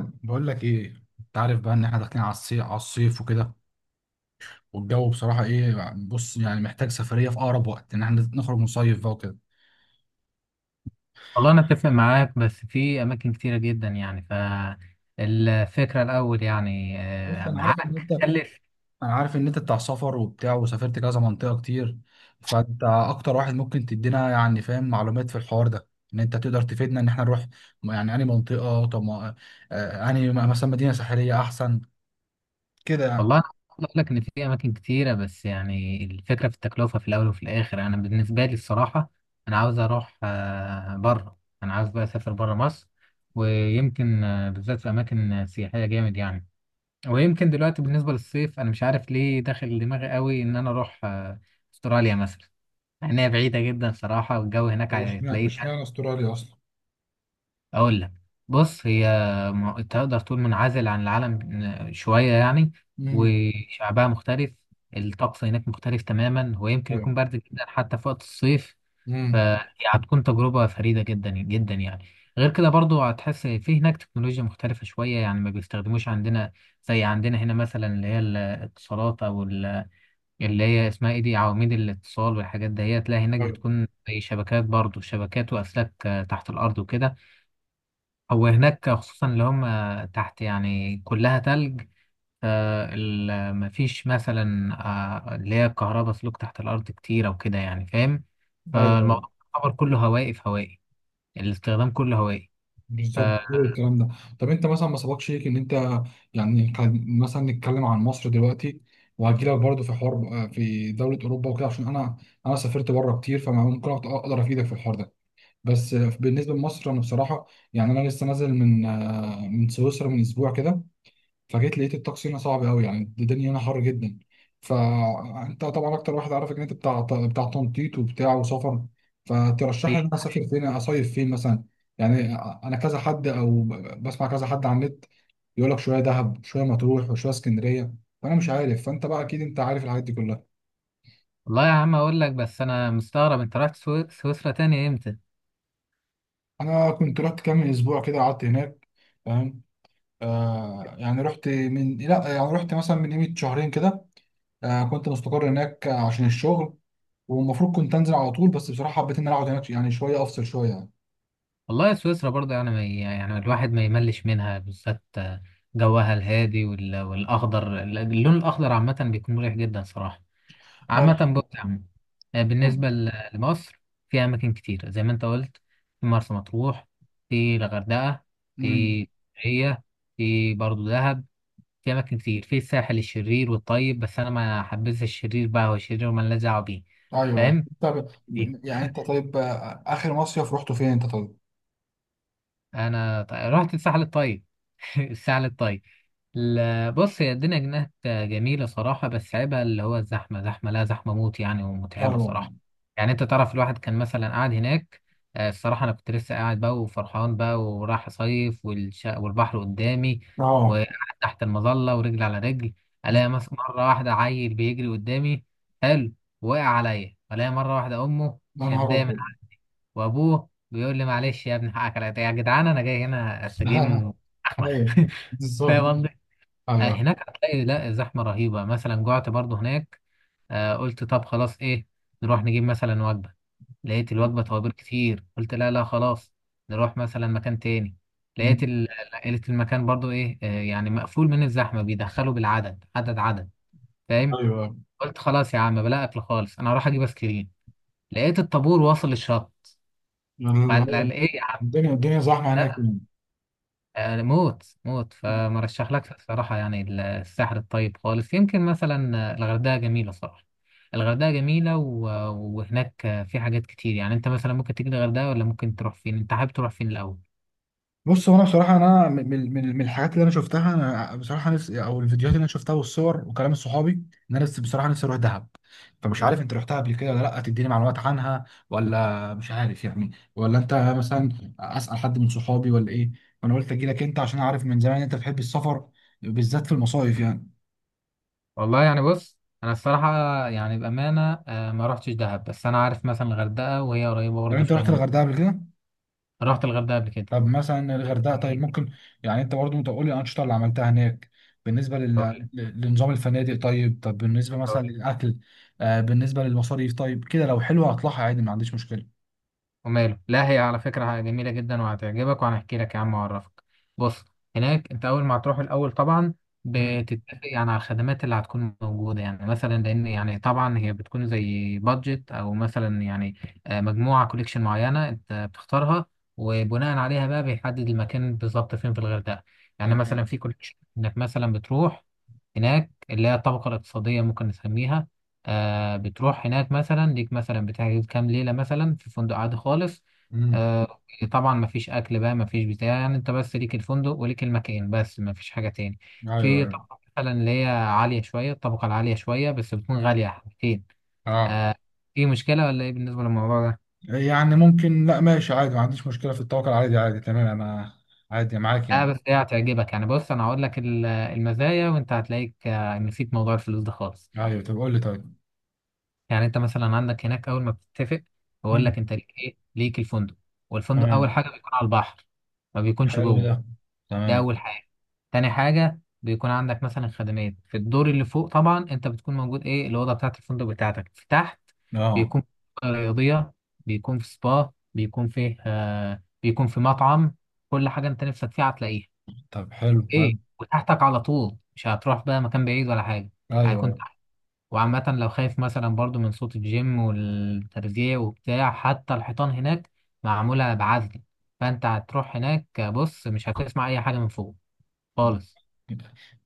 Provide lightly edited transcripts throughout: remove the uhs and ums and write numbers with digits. بقول لك ايه؟ انت عارف بقى ان احنا داخلين على الصيف وكده. والجو بصراحه ايه؟ بص يعني محتاج سفريه في اقرب وقت ان احنا نخرج نصيف بقى وكده. والله أنا أتفق معاك، بس في أماكن كتيرة جدا يعني، فالفكرة الأول يعني بص، معاك تكلف. انا عارف ان انت بتاع سفر وبتاع وسافرت كذا منطقه كتير، فانت اكتر واحد ممكن تدينا يعني فاهم معلومات في الحوار ده، ان انت تقدر تفيدنا ان احنا نروح، يعني انهي منطقه؟ طب ما- انهي مثلا مدينه ساحليه احسن كده يعني؟ والله أنا عاوز أقول لك إن في أماكن كتيرة، بس يعني الفكرة في التكلفة في الأول وفي الآخر. أنا بالنسبة لي الصراحة، أنا عاوز أروح بره. أنا عاوز بقى أسافر بره مصر، ويمكن بالذات في أماكن سياحية جامد يعني. ويمكن دلوقتي بالنسبة للصيف أنا مش عارف ليه داخل دماغي قوي إن أنا أروح أستراليا مثلا، مع إنها بعيدة جدا صراحة، والجو هناك طب هتلاقيه. اشمعنى استراليا اصلا؟ أقول لك. بص هي تقدر تقول منعزل عن العالم شوية يعني. امم. وشعبها مختلف، الطقس هناك مختلف تماما، ويمكن ايوه. يكون برد جدا حتى في وقت الصيف. امم. فهي هتكون تجربة فريدة جدا جدا يعني. غير كده برضو هتحس في هناك تكنولوجيا مختلفة شوية، يعني ما بيستخدموش عندنا زي عندنا هنا، مثلا اللي هي الاتصالات أو اللي هي اسمها ايه دي، عواميد الاتصال والحاجات دهيت، لا هناك بتكون زي شبكات، برضو شبكات وأسلاك تحت الأرض وكده. هو هناك خصوصا اللي هم تحت يعني كلها تلج. مفيش مثلا اللي هي كهرباء سلوك تحت الأرض كتير أو كده، يعني فاهم. ايوه، فالموضوع يعتبر كله هوائي، في هوائي. الاستخدام كله هوائي. ف- بالظبط كل الكلام ده. طب انت مثلا ما سبقش ليك ان انت، يعني مثلا نتكلم عن مصر دلوقتي، وهجيلك برضو في حوار بقى في دولة أوروبا وكده، عشان أنا سافرت بره كتير، فممكن أقدر أفيدك في الحوار ده. بس بالنسبة لمصر، أنا بصراحة يعني أنا لسه نازل من سويسرا من أسبوع كده، فجيت لقيت الطقس هنا صعب قوي، يعني الدنيا هنا حر جدا. فانت طبعا اكتر واحد عارف ان انت بتاع تنطيط وبتاع وسفر، فترشح لي إيه؟ ان انا اسافر فين، اصيف فين مثلا. يعني انا كذا حد، او بسمع كذا حد على النت يقول لك شويه دهب شويه مطروح وشويه اسكندريه، فانا مش عارف، فانت بقى اكيد انت عارف الحاجات دي كلها. والله يا عم أقول لك، بس أنا مستغرب، أنت رحت سويسرا تاني إمتى؟ انا كنت رحت كام اسبوع كده، قعدت هناك، فاهم؟ يعني رحت من، لا يعني رحت مثلا من قيمه شهرين كده. كنت مستقر هناك عشان الشغل، والمفروض كنت انزل على طول، بس بصراحه حبيت ان انا اقعد هناك يعني شويه افصل شويه يعني. والله سويسرا برضه، يعني ما يعني الواحد ما يملش منها، بالذات جوها الهادي والأخضر، اللون الأخضر عامة بيكون مريح جدا صراحة. آه. عامة بص يا عم، بالنسبة لمصر، في أماكن كتير زي ما أنت قلت. في مرسى مطروح، في الغردقة، امم. في، هي، في برضه دهب، في أماكن كتير في الساحل الشرير والطيب، بس أنا ما حبيتش الشرير، بقى هو الشرير ومالناش دعوة بيه، ايوه، أيوة. فاهم؟ طب يعني انت طيب، اخر مصيف رحته فين انت طيب؟ انا رحت الساحل الطيب. الساحل الطيب. لا بص، هي الدنيا هناك جميلة صراحة، بس عيبها اللي هو الزحمة، زحمة لا زحمة موت يعني، ومتعبة ايوه. صراحة. يعني انت تعرف، الواحد كان مثلا قاعد هناك، الصراحة انا كنت لسه قاعد بقى وفرحان بقى، وراح صيف، والبحر قدامي، وقاعد اه. تحت المظلة ورجل على رجل. الاقي مرة واحدة عيل بيجري قدامي، حلو، وقع عليا. الاقي مرة واحدة امه يا نهار شداه من ابيض! وابوه بيقول لي، معلش يا ابني حقك عليا يا جدعان، انا جاي هنا استجم. احمد. ايوه، فاهم بالظبط. قصدي؟ ايوه، هناك هتلاقي لا زحمه رهيبه. مثلا جعت برضو هناك، قلت طب خلاص ايه، نروح نجيب مثلا وجبه. لقيت الوجبه توابل كتير، قلت لا لا خلاص، نروح مثلا مكان تاني. أمم. لقيت المكان برضو ايه، يعني مقفول من الزحمه، بيدخلوا بالعدد، عدد عدد، فاهم. ايوه. قلت خلاص يا عم، بلا اكل خالص، انا هروح اجيب ايس كريم. لقيت الطابور واصل للشط. ال- فقال ايه يا عم؟ الدنيا زحمه هناك يعني. موت موت. فمرشح لك صراحة يعني الساحل الطيب خالص. يمكن مثلا الغردقة جميلة صراحة. الغردقة جميلة وهناك في حاجات كتير يعني. انت مثلا ممكن تيجي الغردقة، ولا ممكن تروح فين، انت حابب تروح فين الأول؟ بص هو انا بصراحه انا من الحاجات اللي انا شفتها، انا بصراحه نفسي، او الفيديوهات اللي انا شفتها والصور وكلام صحابي، ان انا بصراحه نفسي اروح دهب. فمش عارف انت رحتها قبل كده ولا لا، تديني معلومات عنها ولا مش عارف يعني، ولا انت مثلا اسال حد من صحابي ولا ايه؟ فانا قلت اجي لك انت عشان اعرف من زمان انت بتحب السفر، بالذات في المصايف يعني. والله يعني بص، انا الصراحة يعني بأمانة ما رحتش دهب، بس انا عارف مثلا الغردقة، وهي قريبة طب برضه انت شوية رحت من دهب. الغردقه قبل كده؟ رحت الغردقة قبل كده. طب مثلا الغردقه طيب، جميل. ممكن يعني انت برضه، انت قول لي الانشطه اللي عملتها هناك، بالنسبه هقول لنظام الفنادق طيب، طب بالنسبه مثلا لك للاكل، بالنسبه للمصاريف طيب كده، لو حلوه هطلعها عادي، ما عنديش مشكله. وماله. لا هي على فكرة جميلة جدا وهتعجبك، وهنحكي لك يا عم وأعرفك. بص، هناك أنت أول ما هتروح الأول طبعا امم. بتتفق يعني على الخدمات اللي هتكون موجودة، يعني مثلا، لأن يعني طبعا هي بتكون زي بادجت، أو مثلا يعني مجموعة كوليكشن معينة أنت بتختارها، وبناء عليها بقى بيحدد المكان بالظبط فين في الغردقة. يعني تمام. مثلا في كوليكشن إنك مثلا بتروح هناك اللي هي الطبقة الاقتصادية ممكن نسميها. آه بتروح هناك مثلا ليك، مثلا بتحجز كام ليلة مثلا في فندق عادي خالص. امم. آه، طبعا مفيش أكل بقى، مفيش بتاع يعني، أنت بس ليك الفندق وليك المكان، بس مفيش حاجة تاني. ايوه. في ايوه. طبقة مثلا اللي هي عالية شوية، الطبقة العالية شوية بس بتكون غالية حبتين. اه. آه. في مشكلة ولا إيه بالنسبة للموضوع ده؟ يعني ممكن، لا ماشي عادي، ما عنديش مشكلة في التوكل، عادي عادي تمام انا، عادي معاك لا يعني. بس هي هتعجبك يعني، بص أنا هقول لك المزايا، وأنت هتلاقيك نسيت موضوع الفلوس ده خالص. ايوه، طب قول لي طيب. يعني انت مثلا عندك هناك اول ما بتتفق، بقول مم. لك انت ليك ايه، ليك الفندق. والفندق تمام. اول حاجه بيكون على البحر، ما بيكونش حلو ده، جوه. ده اول تمام. حاجه. تاني حاجه بيكون عندك مثلا خدمات في الدور اللي فوق. طبعا انت بتكون موجود، ايه الاوضه بتاعت الفندق بتاعتك في تحت، اه. بيكون في منطقة رياضيه، بيكون في سبا، بيكون في مطعم. كل حاجه انت نفسك فيها هتلاقيها، طب حلو ايه، حلو. وتحتك على طول، مش هتروح بقى مكان بعيد ولا حاجه. هيكون، ايوه. وعامة لو خايف مثلا برضو من صوت الجيم والترزيع وبتاع، حتى الحيطان هناك معمولة بعزل. فانت هتروح هناك بص مش هتسمع اي حاجة من فوق خالص.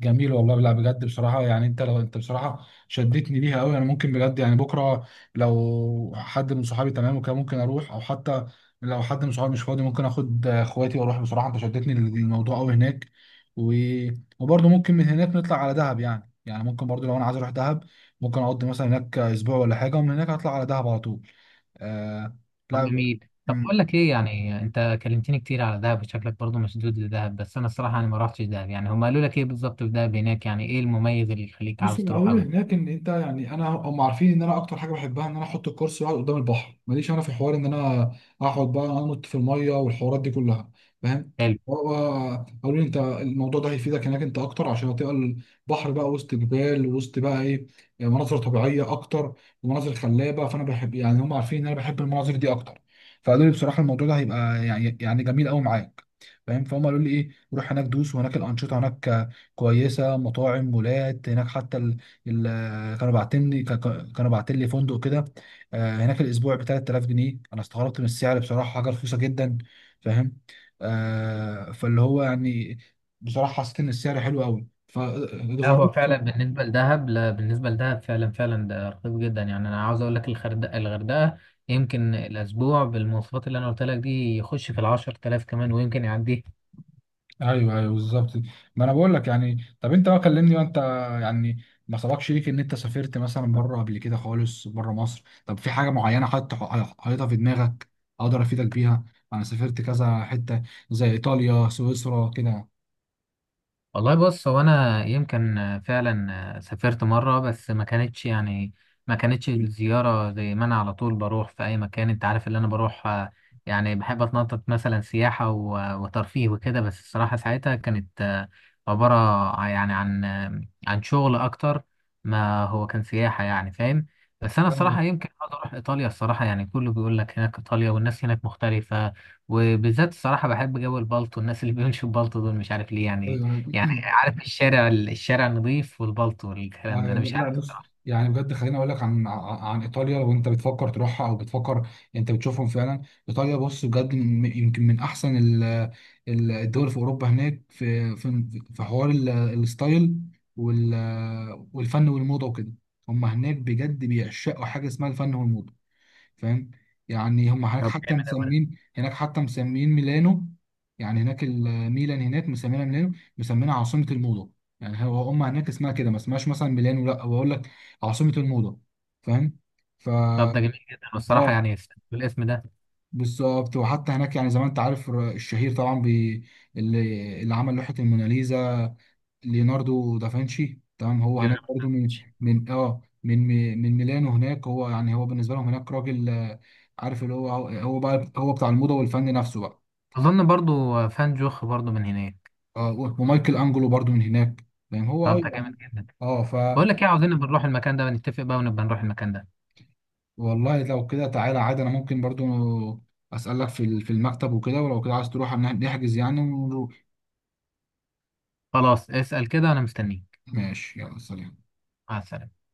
جميل والله، لا بجد بصراحة، يعني انت لو انت بصراحة شدتني ليها قوي، انا ممكن بجد يعني بكرة لو حد من صحابي تمام وكده ممكن اروح، او حتى لو حد من صحابي مش فاضي، ممكن اخد اخواتي واروح، بصراحة انت شدتني للموضوع قوي هناك. و... وبرضه ممكن من هناك نطلع على دهب يعني ممكن برضه لو انا عايز اروح دهب ممكن اقضي مثلا هناك اسبوع ولا حاجة، ومن هناك اطلع على دهب على طول. آه... طب لا جميل. طب اقول لك ايه، يعني انت كلمتني كتير على دهب، شكلك برضو مشدود لدهب. بس انا الصراحة انا ما رحتش دهب، يعني هم قالوا لك ايه بالظبط في دهب هناك؟ يعني ايه المميز اللي يخليك بص، عاوز تروح العربي قوي؟ هناك ان انت، يعني انا، هم عارفين ان انا اكتر حاجه بحبها ان انا احط الكرسي واقعد قدام البحر، ماليش انا في حوار ان انا اقعد بقى انط في الميه والحوارات دي كلها، فاهم؟ قالوا لي انت الموضوع ده هيفيدك هناك انت اكتر، عشان هتبقى البحر بقى وسط جبال، وسط بقى ايه، يعني مناظر طبيعيه اكتر، ومناظر خلابه، فانا بحب، يعني هم عارفين ان انا بحب المناظر دي اكتر، فقالوا لي بصراحه الموضوع ده هيبقى يعني جميل قوي معاك، فاهم؟ فهم قالوا لي ايه؟ روح هناك دوس، وهناك الانشطه هناك كويسه، مطاعم، مولات هناك، حتى ال... كانوا باعتين لي فندق كده، هناك الاسبوع ب 3000 جنيه، انا استغربت من السعر بصراحه، حاجه رخيصه جدا، فاهم؟ فاللي هو يعني بصراحه حسيت ان السعر حلو قوي لا هو فاتغربت. فعلا بالنسبة لدهب، لا بالنسبة لدهب فعلا فعلا ده رخيص جدا، يعني أنا عاوز أقول لك الغردقة، الغردقة يمكن الأسبوع بالمواصفات اللي أنا قلت لك دي يخش في ال10 تلاف كمان ويمكن يعديه. ايوه، ايوه، بالظبط. ما انا بقول لك يعني، طب انت بقى كلمني وانت، يعني ما سبقش ليك ان انت سافرت مثلا بره قبل كده خالص، بره مصر؟ طب في حاجه معينه حط حاططها في دماغك اقدر افيدك بيها؟ انا سافرت كذا حته، زي ايطاليا سويسرا كده. والله بص، هو انا يمكن فعلا سافرت مره، بس ما كانتش الزياره زي ما انا على طول بروح في اي مكان. انت عارف اللي انا بروح يعني بحب اتنطط مثلا سياحه وترفيه وكده. بس الصراحه ساعتها كانت عباره يعني عن عن شغل اكتر، ما هو كان سياحه يعني فاهم. بس انا ايوه، الصراحه يمكن عاوز اروح ايطاليا. الصراحه يعني كله بيقول لك هناك ايطاليا والناس هناك مختلفه، وبالذات الصراحه بحب جو البلطو، الناس اللي بيمشوا بالطو دول مش عارف ليه يعني. ايوه، يعني أيوة. عارف الشارع، الشارع النظيف والبلط والكلام ده، انا مش لا عارف بص، الصراحه. يعني بجد خليني اقول لك عن ايطاليا، لو انت بتفكر تروحها، او بتفكر انت بتشوفهم فعلا. ايطاليا بص بجد، يمكن من احسن الدول في اوروبا، هناك في حوار الستايل والفن والموضه وكده، هم هناك بجد بيعشقوا حاجه اسمها الفن والموضه، فاهم؟ يعني هم هناك طب حتى جامد أوي ده. مسمين هناك حتى مسمين ميلانو، يعني هناك الميلان هناك مسمينها ميلانو، مسمينها عاصمة الموضة، يعني هو هم هناك اسمها كده، ما اسمهاش مثلا ميلانو، لا بقول لك: عاصمة الموضة، فاهم؟ ف طب ده جميل جدا والصراحه اه يعني، الاسم ده. بالظبط، وحتى هناك يعني زي ما انت عارف، الشهير طبعا اللي عمل لوحة الموناليزا، ليوناردو دافنشي، تمام. هو هناك برضه من ليوناردوفيتش. من اه من من ميلانو، هناك هو يعني هو، بالنسبه لهم هناك راجل، عارف اللي هو، هو بقى هو بتاع الموضه والفن نفسه بقى. اظن برضو فان جوخ برضو من هناك. اه، ومايكل انجلو برضه من هناك، يعني هو طب ده جامد يعني. جدا. اه. بقول لك ايه، عاوزين نبقى نروح المكان ده ونتفق بقى، ونبقى نروح المكان ده. والله لو كده تعالى عادي، انا ممكن برضه اسالك في في المكتب وكده، ولو كده عايز تروح نحجز يعني ونروح. خلاص اسأل كده انا مستنيك. ماشي، يلا سلام. مع السلامه.